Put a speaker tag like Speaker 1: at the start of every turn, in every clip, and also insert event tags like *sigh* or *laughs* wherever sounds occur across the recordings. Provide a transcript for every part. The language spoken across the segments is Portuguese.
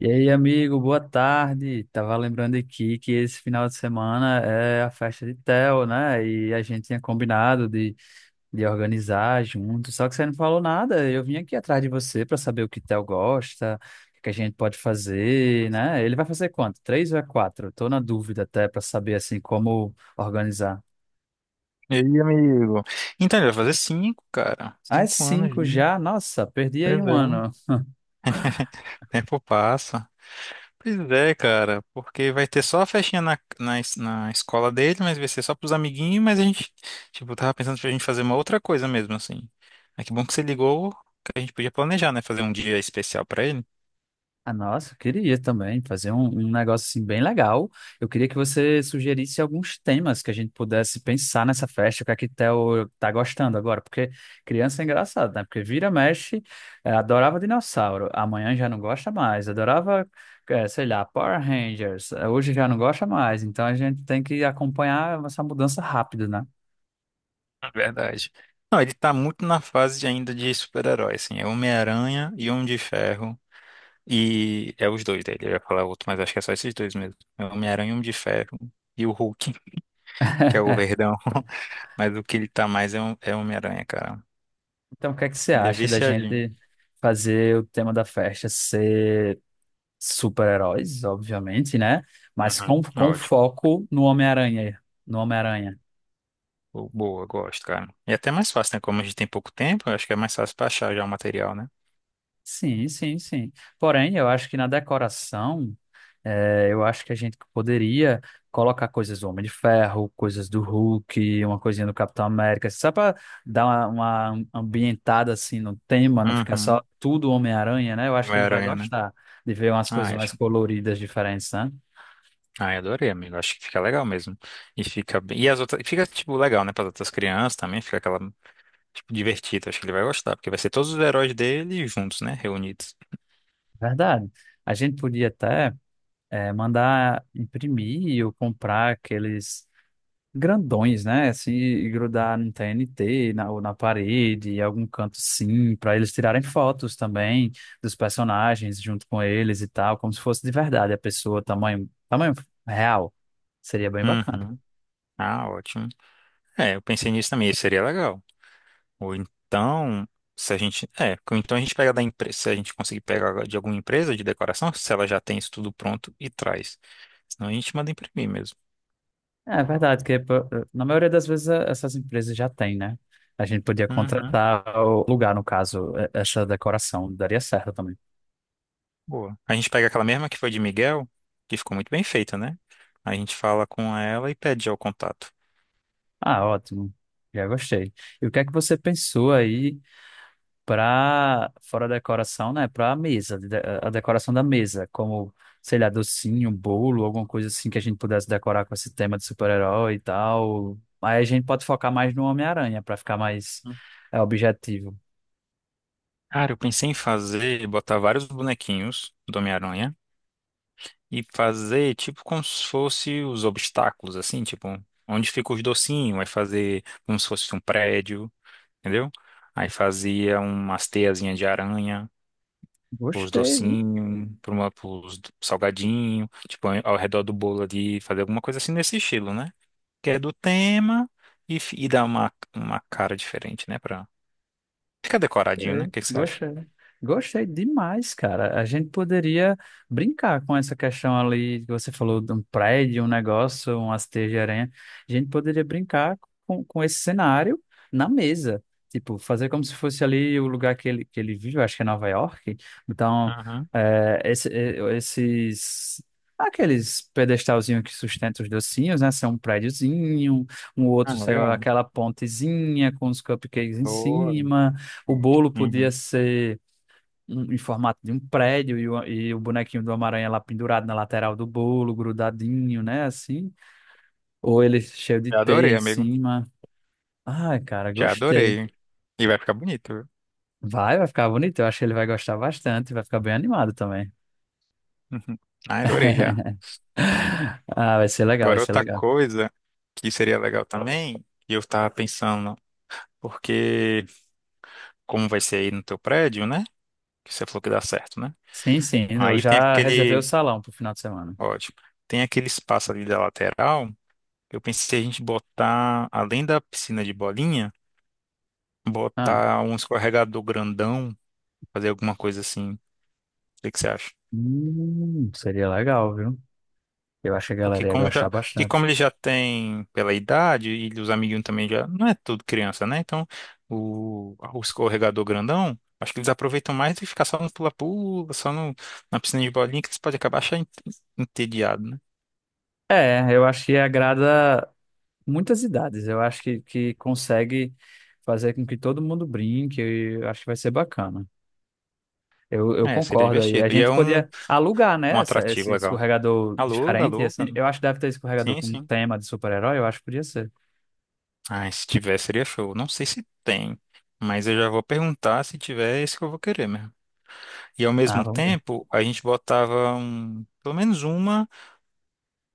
Speaker 1: E aí, amigo, boa tarde. Tava lembrando aqui que esse final de semana é a festa de Tel, né? E a gente tinha combinado de organizar junto, só que você não falou nada. Eu vim aqui atrás de você para saber o que Tel gosta, o que que a gente pode fazer, né? Ele vai fazer quanto? Três ou é quatro? Tô na dúvida até para saber assim como organizar.
Speaker 2: E aí, amigo? Então, ele vai fazer cinco, cara.
Speaker 1: Ah, é
Speaker 2: 5 anos,
Speaker 1: cinco
Speaker 2: né?
Speaker 1: já? Nossa, perdi aí
Speaker 2: Pois
Speaker 1: um
Speaker 2: é. O
Speaker 1: ano.
Speaker 2: tempo passa. Pois é, cara. Porque vai ter só a festinha na escola dele, mas vai ser só pros amiguinhos, mas a gente, tipo, tava pensando pra gente fazer uma outra coisa mesmo, assim. Mas que bom que você ligou, que a gente podia planejar, né? Fazer um dia especial pra ele.
Speaker 1: Ah, nossa, eu queria também fazer um negócio assim bem legal. Eu queria que você sugerisse alguns temas que a gente pudesse pensar nessa festa, o que a Quitel tá gostando agora, porque criança é engraçado, né? Porque vira, mexe, adorava dinossauro, amanhã já não gosta mais, adorava, sei lá, Power Rangers, hoje já não gosta mais, então a gente tem que acompanhar essa mudança rápido, né?
Speaker 2: Na verdade. Não, ele tá muito na fase ainda de super-herói, assim. É Homem-Aranha e Homem de Ferro. E é os dois dele, eu ia falar outro, mas acho que é só esses dois mesmo. É o Homem-Aranha e o Homem de Ferro. E o Hulk, *laughs* que é o
Speaker 1: *laughs*
Speaker 2: verdão. *laughs* Mas o que ele tá mais é o Homem-Aranha, cara.
Speaker 1: Então, o que é que você
Speaker 2: Ele é
Speaker 1: acha da
Speaker 2: viciadinho.
Speaker 1: gente fazer o tema da festa ser super-heróis, obviamente, né? Mas
Speaker 2: Uhum,
Speaker 1: com
Speaker 2: ótimo.
Speaker 1: foco no Homem-Aranha. No Homem-Aranha.
Speaker 2: Boa, gosto, cara. E até mais fácil, né? Como a gente tem pouco tempo, eu acho que é mais fácil pra achar já o material, né?
Speaker 1: Sim, sim, sim. Porém, eu acho que na decoração, eu acho que a gente poderia colocar coisas do Homem de Ferro, coisas do Hulk, uma coisinha do Capitão América, assim, só para dar uma ambientada assim no tema, não ficar só
Speaker 2: Uhum.
Speaker 1: tudo Homem-Aranha, né? Eu acho que ele vai
Speaker 2: Homem-Aranha, né?
Speaker 1: gostar de ver umas
Speaker 2: Ah,
Speaker 1: coisas mais
Speaker 2: acho.
Speaker 1: coloridas, diferentes, né?
Speaker 2: Ah, eu adorei, amigo. Acho que fica legal mesmo. E fica bem. E as outras. Fica, tipo, legal, né? Para as outras crianças também. Fica aquela divertido, acho que ele vai gostar, porque vai ser todos os heróis dele juntos, né? Reunidos.
Speaker 1: Verdade. A gente podia até, mandar imprimir ou comprar aqueles grandões, né? Assim, e grudar no TNT, na, ou na parede, em algum canto sim, para eles tirarem fotos também dos personagens junto com eles e tal, como se fosse de verdade a pessoa, tamanho, tamanho real. Seria bem bacana.
Speaker 2: Uhum. Ah, ótimo. É, eu pensei nisso também, isso seria legal. Ou então, se a gente. É, ou então a gente pega da empresa. Se a gente conseguir pegar de alguma empresa de decoração, se ela já tem isso tudo pronto e traz. Senão a gente manda imprimir mesmo.
Speaker 1: É verdade, que pô, na maioria das vezes essas empresas já têm, né? A gente podia
Speaker 2: Uhum,
Speaker 1: contratar o lugar, no caso, essa decoração, daria certo também.
Speaker 2: boa. A gente pega aquela mesma que foi de Miguel, que ficou muito bem feita, né? A gente fala com ela e pede já o contato.
Speaker 1: Ah, ótimo. Já gostei. E o que é que você pensou aí para fora da decoração, né? Para a mesa, a decoração da mesa, como, sei lá, docinho, um bolo, alguma coisa assim que a gente pudesse decorar com esse tema de super-herói e tal. Aí a gente pode focar mais no Homem-Aranha para ficar mais
Speaker 2: Hum.
Speaker 1: objetivo.
Speaker 2: Cara, eu pensei em fazer, botar vários bonequinhos do Homem-Aranha e fazer tipo como se fosse os obstáculos, assim, tipo, onde fica os docinhos, vai fazer como se fosse um prédio. Entendeu? Aí fazia umas teiazinhas de aranha pros
Speaker 1: Gostei.
Speaker 2: docinhos, pra pros salgadinhos, tipo, ao redor do bolo ali, fazer alguma coisa assim nesse estilo, né? Que é do tema e, e dá uma cara diferente, né? Pra ficar decoradinho, né? O
Speaker 1: É,
Speaker 2: que que você acha?
Speaker 1: gostei. Gostei demais, cara. A gente poderia brincar com essa questão ali que você falou de um prédio, um negócio, um hasteio de aranha. A gente poderia brincar com esse cenário na mesa. Tipo, fazer como se fosse ali o lugar que ele vive, eu acho que é Nova York. Então,
Speaker 2: Uhum.
Speaker 1: esses, aqueles pedestalzinhos que sustentam os docinhos, né? São um prédiozinho, um
Speaker 2: Ah,
Speaker 1: outro, sei lá,
Speaker 2: legal.
Speaker 1: aquela pontezinha com os cupcakes em
Speaker 2: Boa.
Speaker 1: cima. O
Speaker 2: Ótimo.
Speaker 1: bolo podia
Speaker 2: Uhum.
Speaker 1: ser em formato de um prédio e o bonequinho do Homem-Aranha lá pendurado na lateral do bolo, grudadinho, né? Assim. Ou ele cheio de
Speaker 2: Já
Speaker 1: teia
Speaker 2: adorei,
Speaker 1: em
Speaker 2: amigo.
Speaker 1: cima. Ai, cara,
Speaker 2: Já
Speaker 1: gostei.
Speaker 2: adorei. E vai ficar bonito, viu?
Speaker 1: Vai ficar bonito. Eu acho que ele vai gostar bastante. Vai ficar bem animado também.
Speaker 2: Uhum. Ah, adorei já.
Speaker 1: *laughs* Ah, vai ser legal, vai
Speaker 2: Agora
Speaker 1: ser
Speaker 2: outra
Speaker 1: legal.
Speaker 2: coisa que seria legal também, e eu tava pensando, porque como vai ser aí no teu prédio, né? Que você falou que dá certo, né?
Speaker 1: Sim, sim. Eu
Speaker 2: Aí tem
Speaker 1: já reservei o
Speaker 2: aquele,
Speaker 1: salão pro final de semana.
Speaker 2: ótimo, tem aquele espaço ali da lateral. Eu pensei a gente botar, além da piscina de bolinha,
Speaker 1: Ah,
Speaker 2: botar um escorregador grandão, fazer alguma coisa assim. O que que você acha?
Speaker 1: seria legal, viu? Eu acho que a
Speaker 2: Porque
Speaker 1: galera ia
Speaker 2: como
Speaker 1: gostar
Speaker 2: já, que
Speaker 1: bastante.
Speaker 2: como ele já tem pela idade e os amiguinhos também já, não é tudo criança, né? Então, o escorregador grandão, acho que eles aproveitam mais do que ficar só no pula-pula, só no, na piscina de bolinha, que eles podem acabar achando entediado, né?
Speaker 1: É, eu acho que agrada muitas idades. Eu acho que consegue fazer com que todo mundo brinque. Eu acho que vai ser bacana. Eu
Speaker 2: É, seria
Speaker 1: concordo aí. A
Speaker 2: divertido. E é
Speaker 1: gente
Speaker 2: um,
Speaker 1: podia alugar, né,
Speaker 2: um
Speaker 1: essa,
Speaker 2: atrativo
Speaker 1: esse
Speaker 2: legal.
Speaker 1: escorregador
Speaker 2: Alô,
Speaker 1: diferente,
Speaker 2: alô,
Speaker 1: assim.
Speaker 2: cara.
Speaker 1: Eu acho que deve ter escorregador
Speaker 2: Sim,
Speaker 1: com
Speaker 2: sim.
Speaker 1: tema de super-herói. Eu acho que podia ser.
Speaker 2: Ah, se tiver, seria show. Não sei se tem, mas eu já vou perguntar se tiver, é isso que eu vou querer mesmo. E ao
Speaker 1: Ah,
Speaker 2: mesmo
Speaker 1: vamos ver.
Speaker 2: tempo, a gente botava um, pelo menos uma,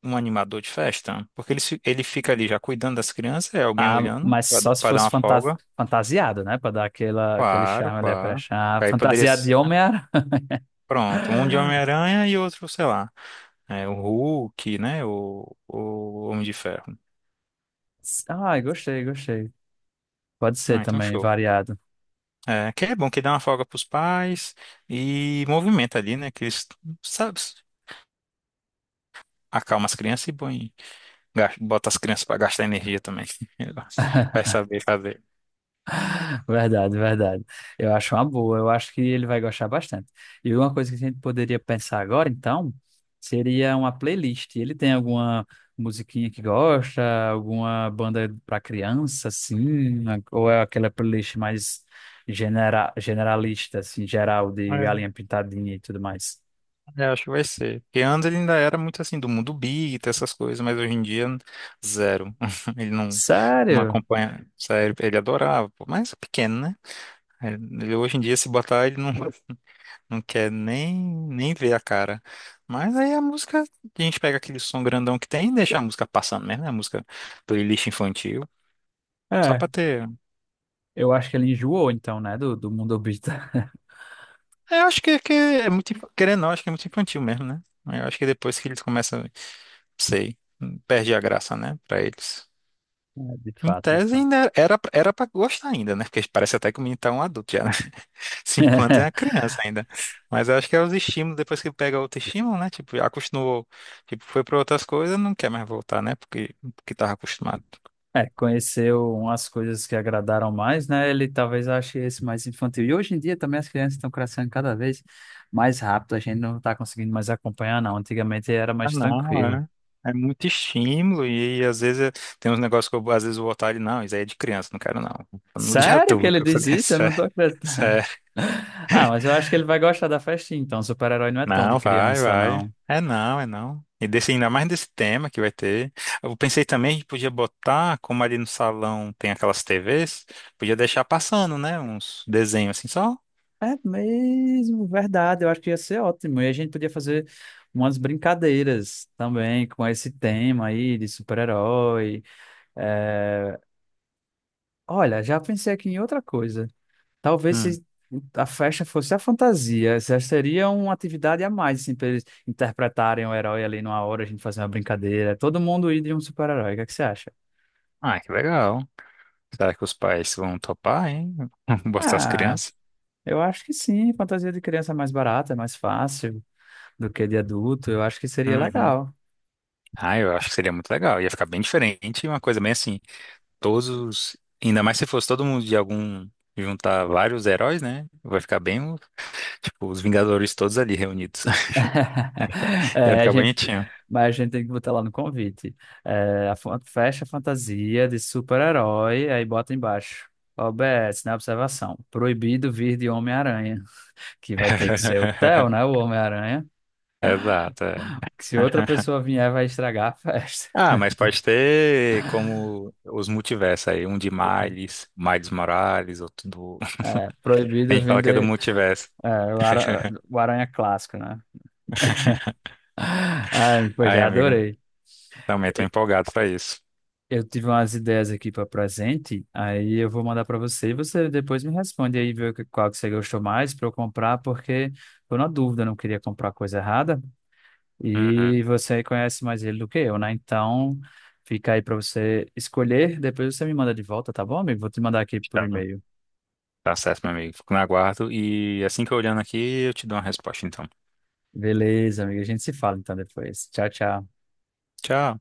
Speaker 2: um animador de festa, porque ele, ele fica ali já cuidando das crianças, é alguém
Speaker 1: Ah,
Speaker 2: olhando
Speaker 1: mas só se
Speaker 2: para dar
Speaker 1: fosse
Speaker 2: uma folga.
Speaker 1: fantasiado, né, para dar aquela, aquele
Speaker 2: Claro,
Speaker 1: charme ali para
Speaker 2: claro.
Speaker 1: achar.
Speaker 2: Aí poderia.
Speaker 1: Fantasiado de Homem-Aranha.
Speaker 2: Pronto, um de
Speaker 1: *laughs*
Speaker 2: Homem-Aranha e outro, sei lá. É, o Hulk, né? O Homem de Ferro.
Speaker 1: Ai, gostei, gostei. Pode ser
Speaker 2: Ah, então
Speaker 1: também,
Speaker 2: show.
Speaker 1: variado.
Speaker 2: É, que é bom que dá uma folga pros pais e movimenta ali, né? Que eles, sabe, acalma as crianças e bota as crianças pra gastar energia também. *laughs* Vai
Speaker 1: *laughs*
Speaker 2: saber fazer.
Speaker 1: Verdade, verdade. Eu acho uma boa, eu acho que ele vai gostar bastante. E uma coisa que a gente poderia pensar agora, então, seria uma playlist. Ele tem alguma musiquinha que gosta, alguma banda para criança, assim, ou é aquela playlist mais generalista, assim, geral, de
Speaker 2: É,
Speaker 1: galinha pintadinha e tudo mais?
Speaker 2: eu acho que vai ser. Porque antes ele ainda era muito assim, do mundo big, essas coisas, mas hoje em dia, zero. *laughs* Ele não, não
Speaker 1: Sério?
Speaker 2: acompanha. Sério, ele adorava, pô, mas é pequeno, né? Ele, hoje em dia, se botar, ele não. Não quer nem ver a cara. Mas aí a música, a gente pega aquele som grandão que tem e deixa a música passando mesmo, né? A música playlist infantil. Só
Speaker 1: É,
Speaker 2: pra ter.
Speaker 1: eu acho que ele enjoou, então, né, do mundo obita. *laughs*
Speaker 2: É, eu acho que é muito, querendo ou não, acho que é muito infantil mesmo, né? Eu acho que depois que eles começam, sei, perde a graça, né? Pra eles.
Speaker 1: De
Speaker 2: Em
Speaker 1: fato, de
Speaker 2: tese
Speaker 1: fato.
Speaker 2: ainda era pra gostar ainda, né? Porque parece até que o menino tá um adulto já, né? 5 anos é uma
Speaker 1: *laughs*
Speaker 2: criança ainda. Mas eu acho que é os estímulos, depois que pega outro estímulo, né? Tipo, acostumou, tipo, foi para outras coisas, não quer mais voltar, né? Porque tava acostumado.
Speaker 1: É, conheceu umas coisas que agradaram mais, né? Ele talvez ache esse mais infantil. E hoje em dia também as crianças estão crescendo cada vez mais rápido, a gente não está conseguindo mais acompanhar, não. Antigamente era
Speaker 2: Ah,
Speaker 1: mais
Speaker 2: não,
Speaker 1: tranquilo.
Speaker 2: é. É muito estímulo e, às vezes tem uns negócios que eu, às vezes eu vou voltar e não, isso aí é de criança, não quero não. No dia
Speaker 1: Sério que
Speaker 2: todo,
Speaker 1: ele diz
Speaker 2: *laughs*
Speaker 1: isso? Eu não tô
Speaker 2: isso
Speaker 1: acreditando.
Speaker 2: é.
Speaker 1: *laughs* Ah, mas eu acho que ele vai gostar da festinha, então. Super-herói não é tão de
Speaker 2: Não, vai,
Speaker 1: criança,
Speaker 2: vai.
Speaker 1: não.
Speaker 2: É não, é não. E desse, ainda mais desse tema que vai ter. Eu pensei também que podia botar, como ali no salão tem aquelas TVs, podia deixar passando, né? Uns desenhos assim só.
Speaker 1: É mesmo, verdade. Eu acho que ia ser ótimo. E a gente podia fazer umas brincadeiras também com esse tema aí de super-herói. Olha, já pensei aqui em outra coisa. Talvez
Speaker 2: Hum.
Speaker 1: se a festa fosse a fantasia, já seria uma atividade a mais, assim, para eles interpretarem o herói ali numa hora, a gente fazer uma brincadeira, todo mundo ir de um super-herói. O que é que você acha?
Speaker 2: Ah, que legal. Será que os pais vão topar, hein? *laughs* Botar as
Speaker 1: Ah,
Speaker 2: crianças?
Speaker 1: eu acho que sim, fantasia de criança é mais barata, é mais fácil do que de adulto, eu acho que seria
Speaker 2: Uhum.
Speaker 1: legal.
Speaker 2: Ah, eu acho que seria muito legal. Ia ficar bem diferente, uma coisa bem assim. Todos, os- Ainda mais se fosse todo mundo de algum, juntar vários heróis, né? Vai ficar bem, tipo, os Vingadores todos ali reunidos.
Speaker 1: *laughs*
Speaker 2: *laughs* Ia
Speaker 1: É, a
Speaker 2: ficar
Speaker 1: gente
Speaker 2: bonitinho.
Speaker 1: mas a gente tem que botar lá no convite. É, a fecha fantasia de super-herói, aí bota embaixo. OBS, na observação. Proibido vir de Homem-Aranha. Que vai ter que ser o Theo,
Speaker 2: *laughs*
Speaker 1: né? O Homem-Aranha.
Speaker 2: Exato, é.
Speaker 1: Que se outra pessoa vier, vai estragar a *laughs* festa.
Speaker 2: Ah, mas pode ter como os multiversos aí, um de Miles, Miles Morales, outro do...
Speaker 1: É,
Speaker 2: *laughs* A
Speaker 1: proibido
Speaker 2: gente
Speaker 1: vir
Speaker 2: fala que é do
Speaker 1: de,
Speaker 2: multiverso.
Speaker 1: é, o, ara- o Aranha clássico, né? *laughs* Ai, pois
Speaker 2: Aí,
Speaker 1: já
Speaker 2: amigo,
Speaker 1: adorei.
Speaker 2: também tô empolgado pra isso.
Speaker 1: Eu tive umas ideias aqui para presente, aí eu vou mandar para você e você depois me responde aí, ver qual que você gostou mais para eu comprar, porque tô na dúvida, não queria comprar coisa errada e
Speaker 2: Uhum.
Speaker 1: você conhece mais ele do que eu, né? Então fica aí para você escolher, depois você me manda de volta, tá bom, amigo? Vou te mandar aqui por
Speaker 2: Tá,
Speaker 1: e-mail.
Speaker 2: tá certo, meu amigo. Fico no aguardo e assim que eu olhando aqui, eu te dou uma resposta, então.
Speaker 1: Beleza, amigo, a gente se fala então depois. Tchau, tchau.
Speaker 2: Tchau.